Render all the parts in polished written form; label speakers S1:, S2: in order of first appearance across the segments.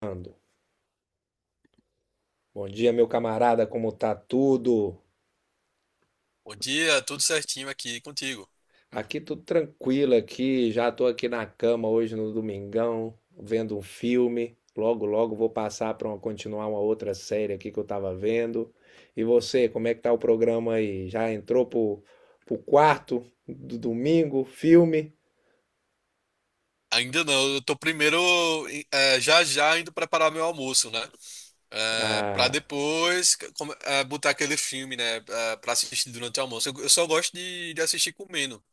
S1: Ando. Bom dia, meu camarada, como tá tudo?
S2: Bom dia, tudo certinho aqui contigo.
S1: Aqui tudo tranquilo aqui, já tô aqui na cama hoje no domingão, vendo um filme. Logo, logo vou passar para continuar uma outra série aqui que eu tava vendo. E você, como é que tá o programa aí? Já entrou pro quarto do domingo, filme?
S2: Ainda não, eu tô primeiro já já indo preparar meu almoço, né? Eh, Pra
S1: Ah,
S2: depois come- eh, Botar aquele filme, né? Pra assistir durante o almoço. Eu só gosto de assistir comendo.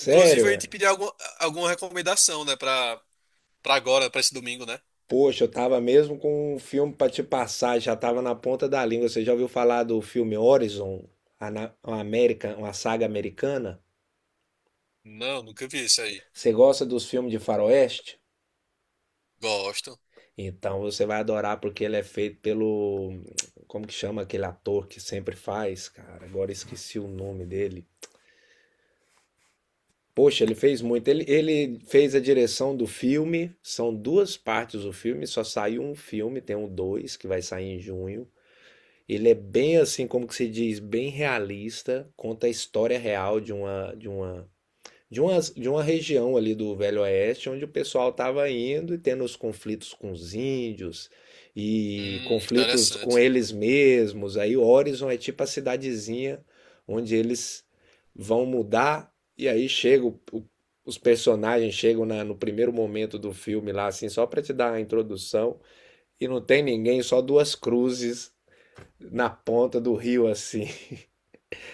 S2: Inclusive, eu ia te pedir alguma recomendação, né? Pra agora, pra esse domingo, né?
S1: Poxa, eu tava mesmo com um filme pra te passar, já tava na ponta da língua. Você já ouviu falar do filme Horizon, uma América, uma saga americana?
S2: Não, nunca vi isso aí.
S1: Você gosta dos filmes de faroeste?
S2: Gosto.
S1: Então você vai adorar porque ele é feito pelo, como que chama aquele ator que sempre faz, cara? Agora esqueci o nome dele. Poxa, ele fez muito. Ele fez a direção do filme. São duas partes do filme, só saiu um filme, tem um dois que vai sair em junho. Ele é bem assim, como que se diz, bem realista, conta a história real de uma região ali do Velho Oeste, onde o pessoal estava indo e tendo os conflitos com os índios e conflitos com
S2: Interessante.
S1: eles mesmos. Aí Horizon é tipo a cidadezinha onde eles vão mudar, e aí chega os personagens chegam no primeiro momento do filme lá assim, só para te dar a introdução, e não tem ninguém, só duas cruzes na ponta do rio assim.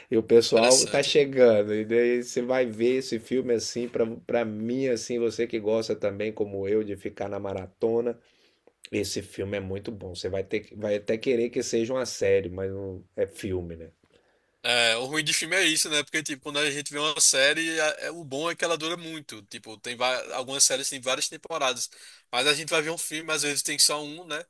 S1: E o pessoal tá
S2: Interessante.
S1: chegando. E daí você vai ver esse filme assim, para mim assim, você que gosta também como eu de ficar na maratona, esse filme é muito bom. Você vai até querer que seja uma série, mas não é filme, né?
S2: É, o ruim de filme é isso, né? Porque, tipo, quando a gente vê uma série, o bom é que ela dura muito. Tipo, algumas séries têm várias temporadas. Mas a gente vai ver um filme, às vezes tem só um, né?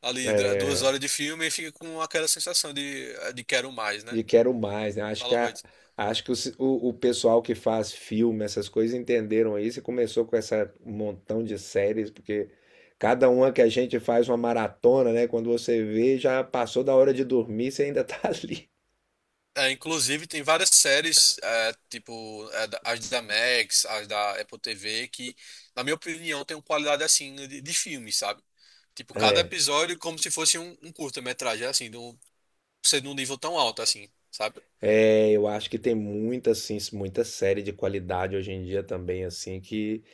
S2: Ali,
S1: É,
S2: duas horas de filme e fica com aquela sensação é, de quero mais, né?
S1: de quero mais, né?
S2: Fala muito.
S1: Acho que o pessoal que faz filme, essas coisas, entenderam isso e começou com essa um montão de séries, porque cada uma que a gente faz uma maratona, né? Quando você vê, já passou da hora de dormir, você ainda tá ali.
S2: É, inclusive, tem várias séries, as da Max, as da Apple TV, que, na minha opinião, tem uma qualidade assim de filme, sabe? Tipo, cada
S1: É.
S2: episódio é como se fosse um curta-metragem, assim, de um, ser de um nível tão alto, assim, sabe?
S1: É, eu acho que tem muita, assim, muita série de qualidade hoje em dia também, assim, que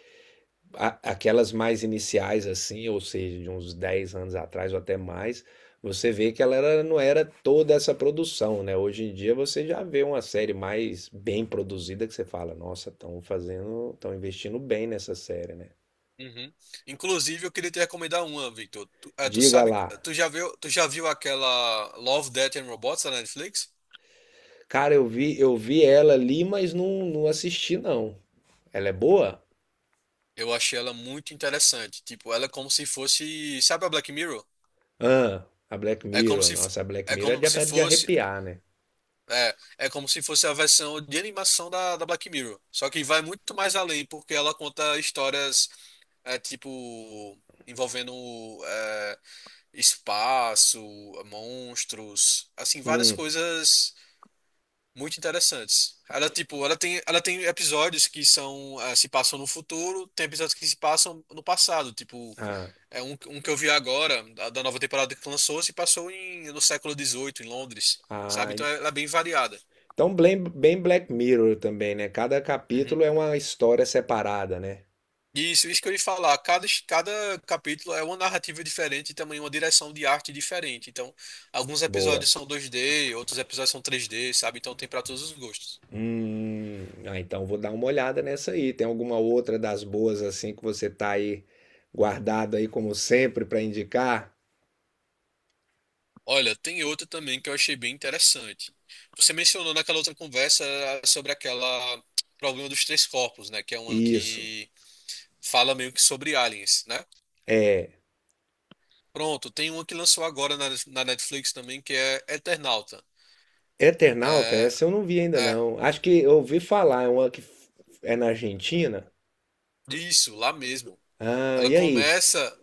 S1: Aquelas mais iniciais assim, ou seja, de uns 10 anos atrás ou até mais, você vê que não era toda essa produção, né? Hoje em dia você já vê uma série mais bem produzida que você fala, nossa, estão fazendo, estão investindo bem nessa série, né?
S2: Uhum. Inclusive, eu queria te recomendar uma, Victor. Tu, eh, tu
S1: Diga
S2: sabe,
S1: lá.
S2: tu já viu aquela Love, Death and Robots da Netflix?
S1: Cara, eu vi ela ali, mas não, não assisti não. Ela é boa?
S2: Eu achei ela muito interessante. Tipo, ela é como se fosse, sabe a Black Mirror?
S1: Ah, a Black
S2: É como
S1: Mirror.
S2: se,
S1: Nossa, a Black
S2: é
S1: Mirror é de,
S2: como se
S1: é de
S2: fosse
S1: arrepiar, né?
S2: É, é como se fosse a versão de animação da Black Mirror. Só que vai muito mais além, porque ela conta histórias, é, tipo, envolvendo é, espaço, monstros, assim, várias
S1: Hum,
S2: coisas muito interessantes. Ela tem episódios que são, é, se passam no futuro, tem episódios que se passam no passado, tipo,
S1: ah,
S2: é um que eu vi agora, da nova temporada que lançou, se passou em, no século XVIII, em Londres, sabe?
S1: ah,
S2: Então ela é bem variada.
S1: então, bem, bem Black Mirror também, né? Cada
S2: Uhum.
S1: capítulo é uma história separada, né?
S2: Isso que eu ia falar. Cada capítulo é uma narrativa diferente e também uma direção de arte diferente. Então, alguns
S1: Boa.
S2: episódios são 2D, outros episódios são 3D, sabe? Então tem para todos os gostos.
S1: Então vou dar uma olhada nessa aí. Tem alguma outra das boas assim que você tá aí guardado aí como sempre para indicar?
S2: Olha, tem outra também que eu achei bem interessante. Você mencionou naquela outra conversa sobre aquela problema dos três corpos, né? Que é uma
S1: Isso.
S2: que fala meio que sobre aliens, né?
S1: É,
S2: Pronto, tem uma que lançou agora na Netflix também que é Eternauta.
S1: Eternauta,
S2: É,
S1: essa eu não vi ainda
S2: é,
S1: não. Acho que eu ouvi falar, é uma que é na Argentina.
S2: isso, lá mesmo.
S1: Ah,
S2: Ela
S1: e aí?
S2: começa.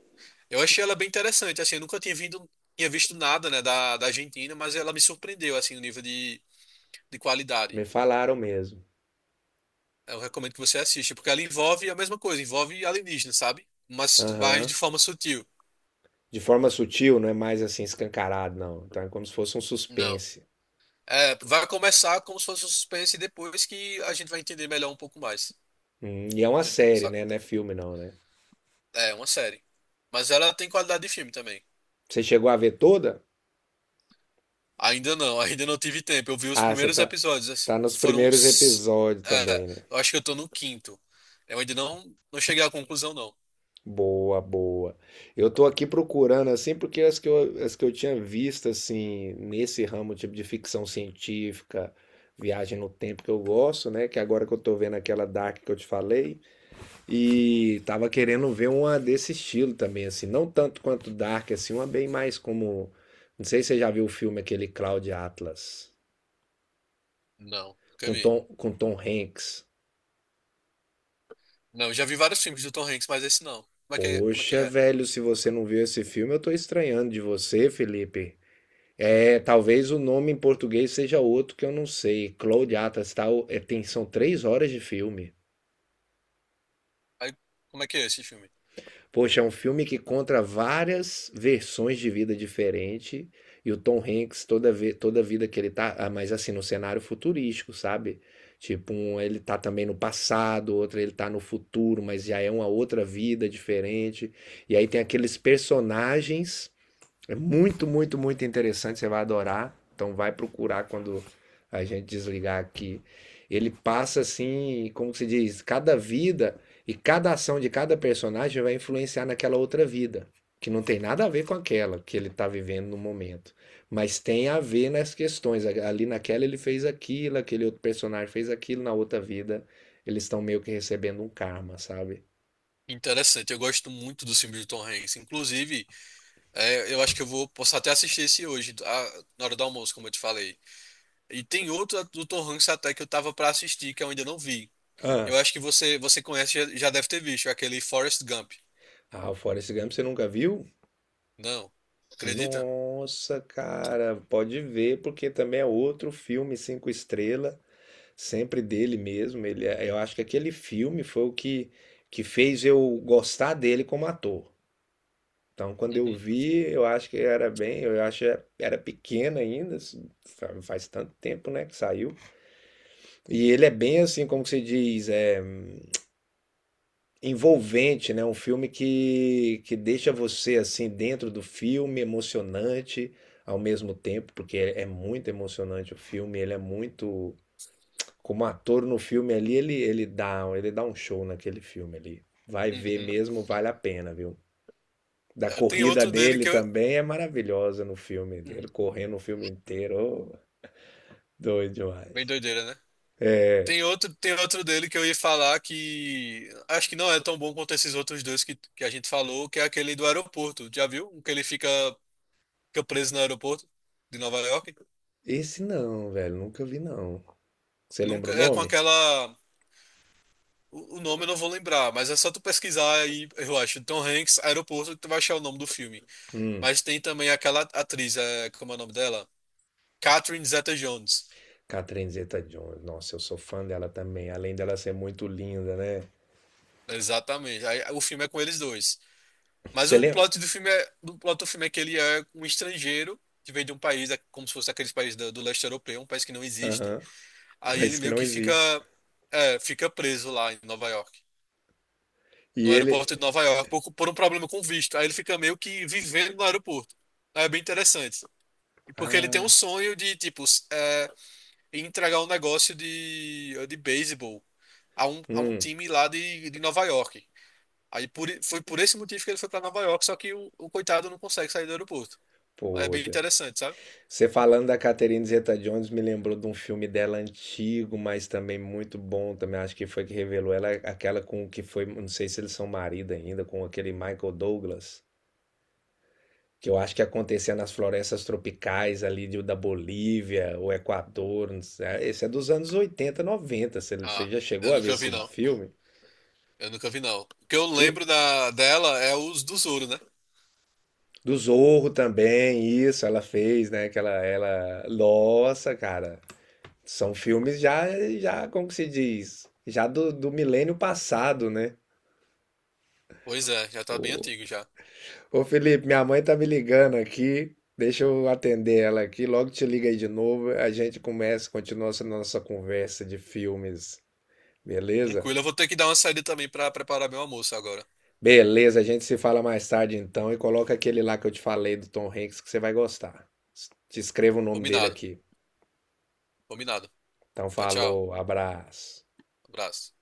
S2: Eu achei ela bem interessante, assim, eu nunca tinha vindo, tinha visto nada, né, da Argentina, mas ela me surpreendeu, assim, no nível de qualidade.
S1: Me falaram mesmo.
S2: Eu recomendo que você assista, porque ela envolve a mesma coisa, envolve alienígena, sabe? Mas
S1: Aham.
S2: de forma sutil.
S1: De forma sutil, não é mais assim escancarado, não. Então é como se fosse um
S2: Não.
S1: suspense.
S2: É, vai começar como se fosse um suspense e depois que a gente vai entender melhor um pouco mais.
S1: E é uma
S2: Entende?
S1: série, né? Não é filme, não, né?
S2: É uma série. Mas ela tem qualidade de filme também.
S1: Você chegou a ver toda?
S2: Ainda não tive tempo. Eu vi os
S1: Ah, você
S2: primeiros
S1: tá,
S2: episódios.
S1: tá nos
S2: Foram
S1: primeiros
S2: uns.
S1: episódios
S2: É,
S1: também, né?
S2: eu acho que eu tô no quinto. Eu ainda não, não cheguei à conclusão, não.
S1: Boa, boa. Eu tô aqui procurando, assim, porque as que eu tinha visto, assim, nesse ramo, tipo de ficção científica, viagem no tempo que eu gosto, né? Que agora que eu tô vendo aquela Dark que eu te falei, e tava querendo ver uma desse estilo também, assim, não tanto quanto Dark, assim, uma bem mais como. Não sei se você já viu o filme aquele Cloud Atlas,
S2: Não, nunca
S1: com
S2: vi.
S1: Tom, com Tom Hanks.
S2: Não, eu já vi vários filmes do Tom Hanks, mas esse não. Como é que é? Como é que
S1: Poxa,
S2: é?
S1: velho, se você não viu esse filme, eu tô estranhando de você, Felipe. É, talvez o nome em português seja outro que eu não sei. Cloud Atlas, tal, é, tem, são 3 horas de filme.
S2: Aí, como é que é esse filme?
S1: Poxa, é um filme que conta várias versões de vida diferente, e o Tom Hanks toda vez, toda vida que ele tá, mas assim, no cenário futurístico, sabe? Tipo, um, ele tá também no passado, outro ele tá no futuro, mas já é uma outra vida diferente. E aí tem aqueles personagens, é muito, muito, muito interessante. Você vai adorar. Então vai procurar quando a gente desligar aqui. Ele passa assim, como se diz, cada vida e cada ação de cada personagem vai influenciar naquela outra vida, que não tem nada a ver com aquela que ele está vivendo no momento, mas tem a ver nas questões. Ali naquela ele fez aquilo, aquele outro personagem fez aquilo, na outra vida eles estão meio que recebendo um karma, sabe?
S2: Interessante, eu gosto muito dos filmes do Tom Hanks. Inclusive, eu acho que eu vou posso até assistir esse hoje, na hora do almoço, como eu te falei. E tem outro do Tom Hanks até que eu tava pra assistir, que eu ainda não vi. Eu
S1: Ah,
S2: acho que você conhece, já deve ter visto, é aquele Forrest Gump.
S1: o Forrest Gump você nunca viu?
S2: Não. Acredita?
S1: Nossa, cara, pode ver, porque também é outro filme cinco estrela, sempre dele mesmo. Eu acho que aquele filme foi o que, que fez eu gostar dele como ator. Então, quando eu
S2: Uhum,
S1: vi, eu acho que era pequeno ainda, assim, faz tanto tempo, né, que saiu. E ele é bem assim, como que se diz, é envolvente, né? Um filme que deixa você assim dentro do filme, emocionante ao mesmo tempo, porque é muito emocionante o filme, ele é muito como ator no filme ali, ele dá um show naquele filme ali. Vai ver
S2: uhum.
S1: mesmo, vale a pena, viu? Da
S2: Tem
S1: corrida
S2: outro dele
S1: dele
S2: que eu.
S1: também é maravilhosa no filme
S2: Uhum.
S1: dele, correndo o filme inteiro, ô, doido
S2: Bem
S1: demais.
S2: doideira, né?
S1: É,
S2: Tem outro dele que eu ia falar que acho que não é tão bom quanto esses outros dois que a gente falou, que é aquele do aeroporto. Já viu? Um que ele fica, fica preso no aeroporto de Nova York.
S1: esse não, velho, nunca vi não. Você lembra
S2: Nunca
S1: o
S2: é com
S1: nome?
S2: aquela. O nome eu não vou lembrar, mas é só tu pesquisar aí, eu acho. Tom Hanks, aeroporto, que tu vai achar o nome do filme.
S1: Hum.
S2: Mas tem também aquela atriz, é, como é o nome dela? Catherine Zeta-Jones.
S1: Catherine Zeta-Jones, nossa, eu sou fã dela também, além dela ser muito linda, né?
S2: Exatamente. Aí, o filme é com eles dois. Mas
S1: Você
S2: o
S1: lembra?
S2: plot do filme é, do plot do filme é que ele é um estrangeiro que vem de um país, é como se fosse aqueles países do leste europeu, um país que não existe.
S1: Aham,
S2: Aí
S1: país
S2: ele
S1: que
S2: meio
S1: não
S2: que fica,
S1: existe.
S2: é, fica preso lá em Nova York,
S1: E
S2: no
S1: ele.
S2: aeroporto de Nova York, por um problema com visto. Aí ele fica meio que vivendo no aeroporto. Aí é bem interessante. E porque ele tem um
S1: Ah,
S2: sonho de, tipo, entregar um negócio de beisebol a um
S1: hum,
S2: time lá de Nova York. Aí foi por esse motivo que ele foi pra Nova York, só que o coitado não consegue sair do aeroporto. É bem
S1: poxa.
S2: interessante, sabe?
S1: Você falando da Catherine Zeta-Jones me lembrou de um filme dela antigo, mas também muito bom. Também acho que foi que revelou ela, aquela com o que foi, não sei se eles são marido ainda, com aquele Michael Douglas. Que eu acho que acontecia nas florestas tropicais ali da Bolívia, o Equador, não sei. É, esse é dos anos 80 90. Você
S2: Ah,
S1: já chegou
S2: eu
S1: a ver
S2: nunca vi
S1: esse
S2: não.
S1: filme?
S2: Eu nunca vi não. O que eu
S1: Ti-
S2: lembro da dela é os do Zoro, né?
S1: Do Zorro também, isso, ela fez, né? Que ela... Nossa, cara. São filmes já, já, como que se diz? Já do milênio passado, né?
S2: Pois é, já tá bem
S1: Ô,
S2: antigo já.
S1: ô Felipe, minha mãe tá me ligando aqui. Deixa eu atender ela aqui. Logo te liga aí de novo. A gente começa, continua essa nossa conversa de filmes. Beleza?
S2: Tranquilo, eu vou ter que dar uma saída também pra preparar meu almoço agora.
S1: Beleza, a gente se fala mais tarde então e coloca aquele lá que eu te falei do Tom Hanks que você vai gostar. Te escrevo o nome dele
S2: Combinado,
S1: aqui.
S2: combinado.
S1: Então
S2: Tchau, tchau.
S1: falou, abraço.
S2: Abraço.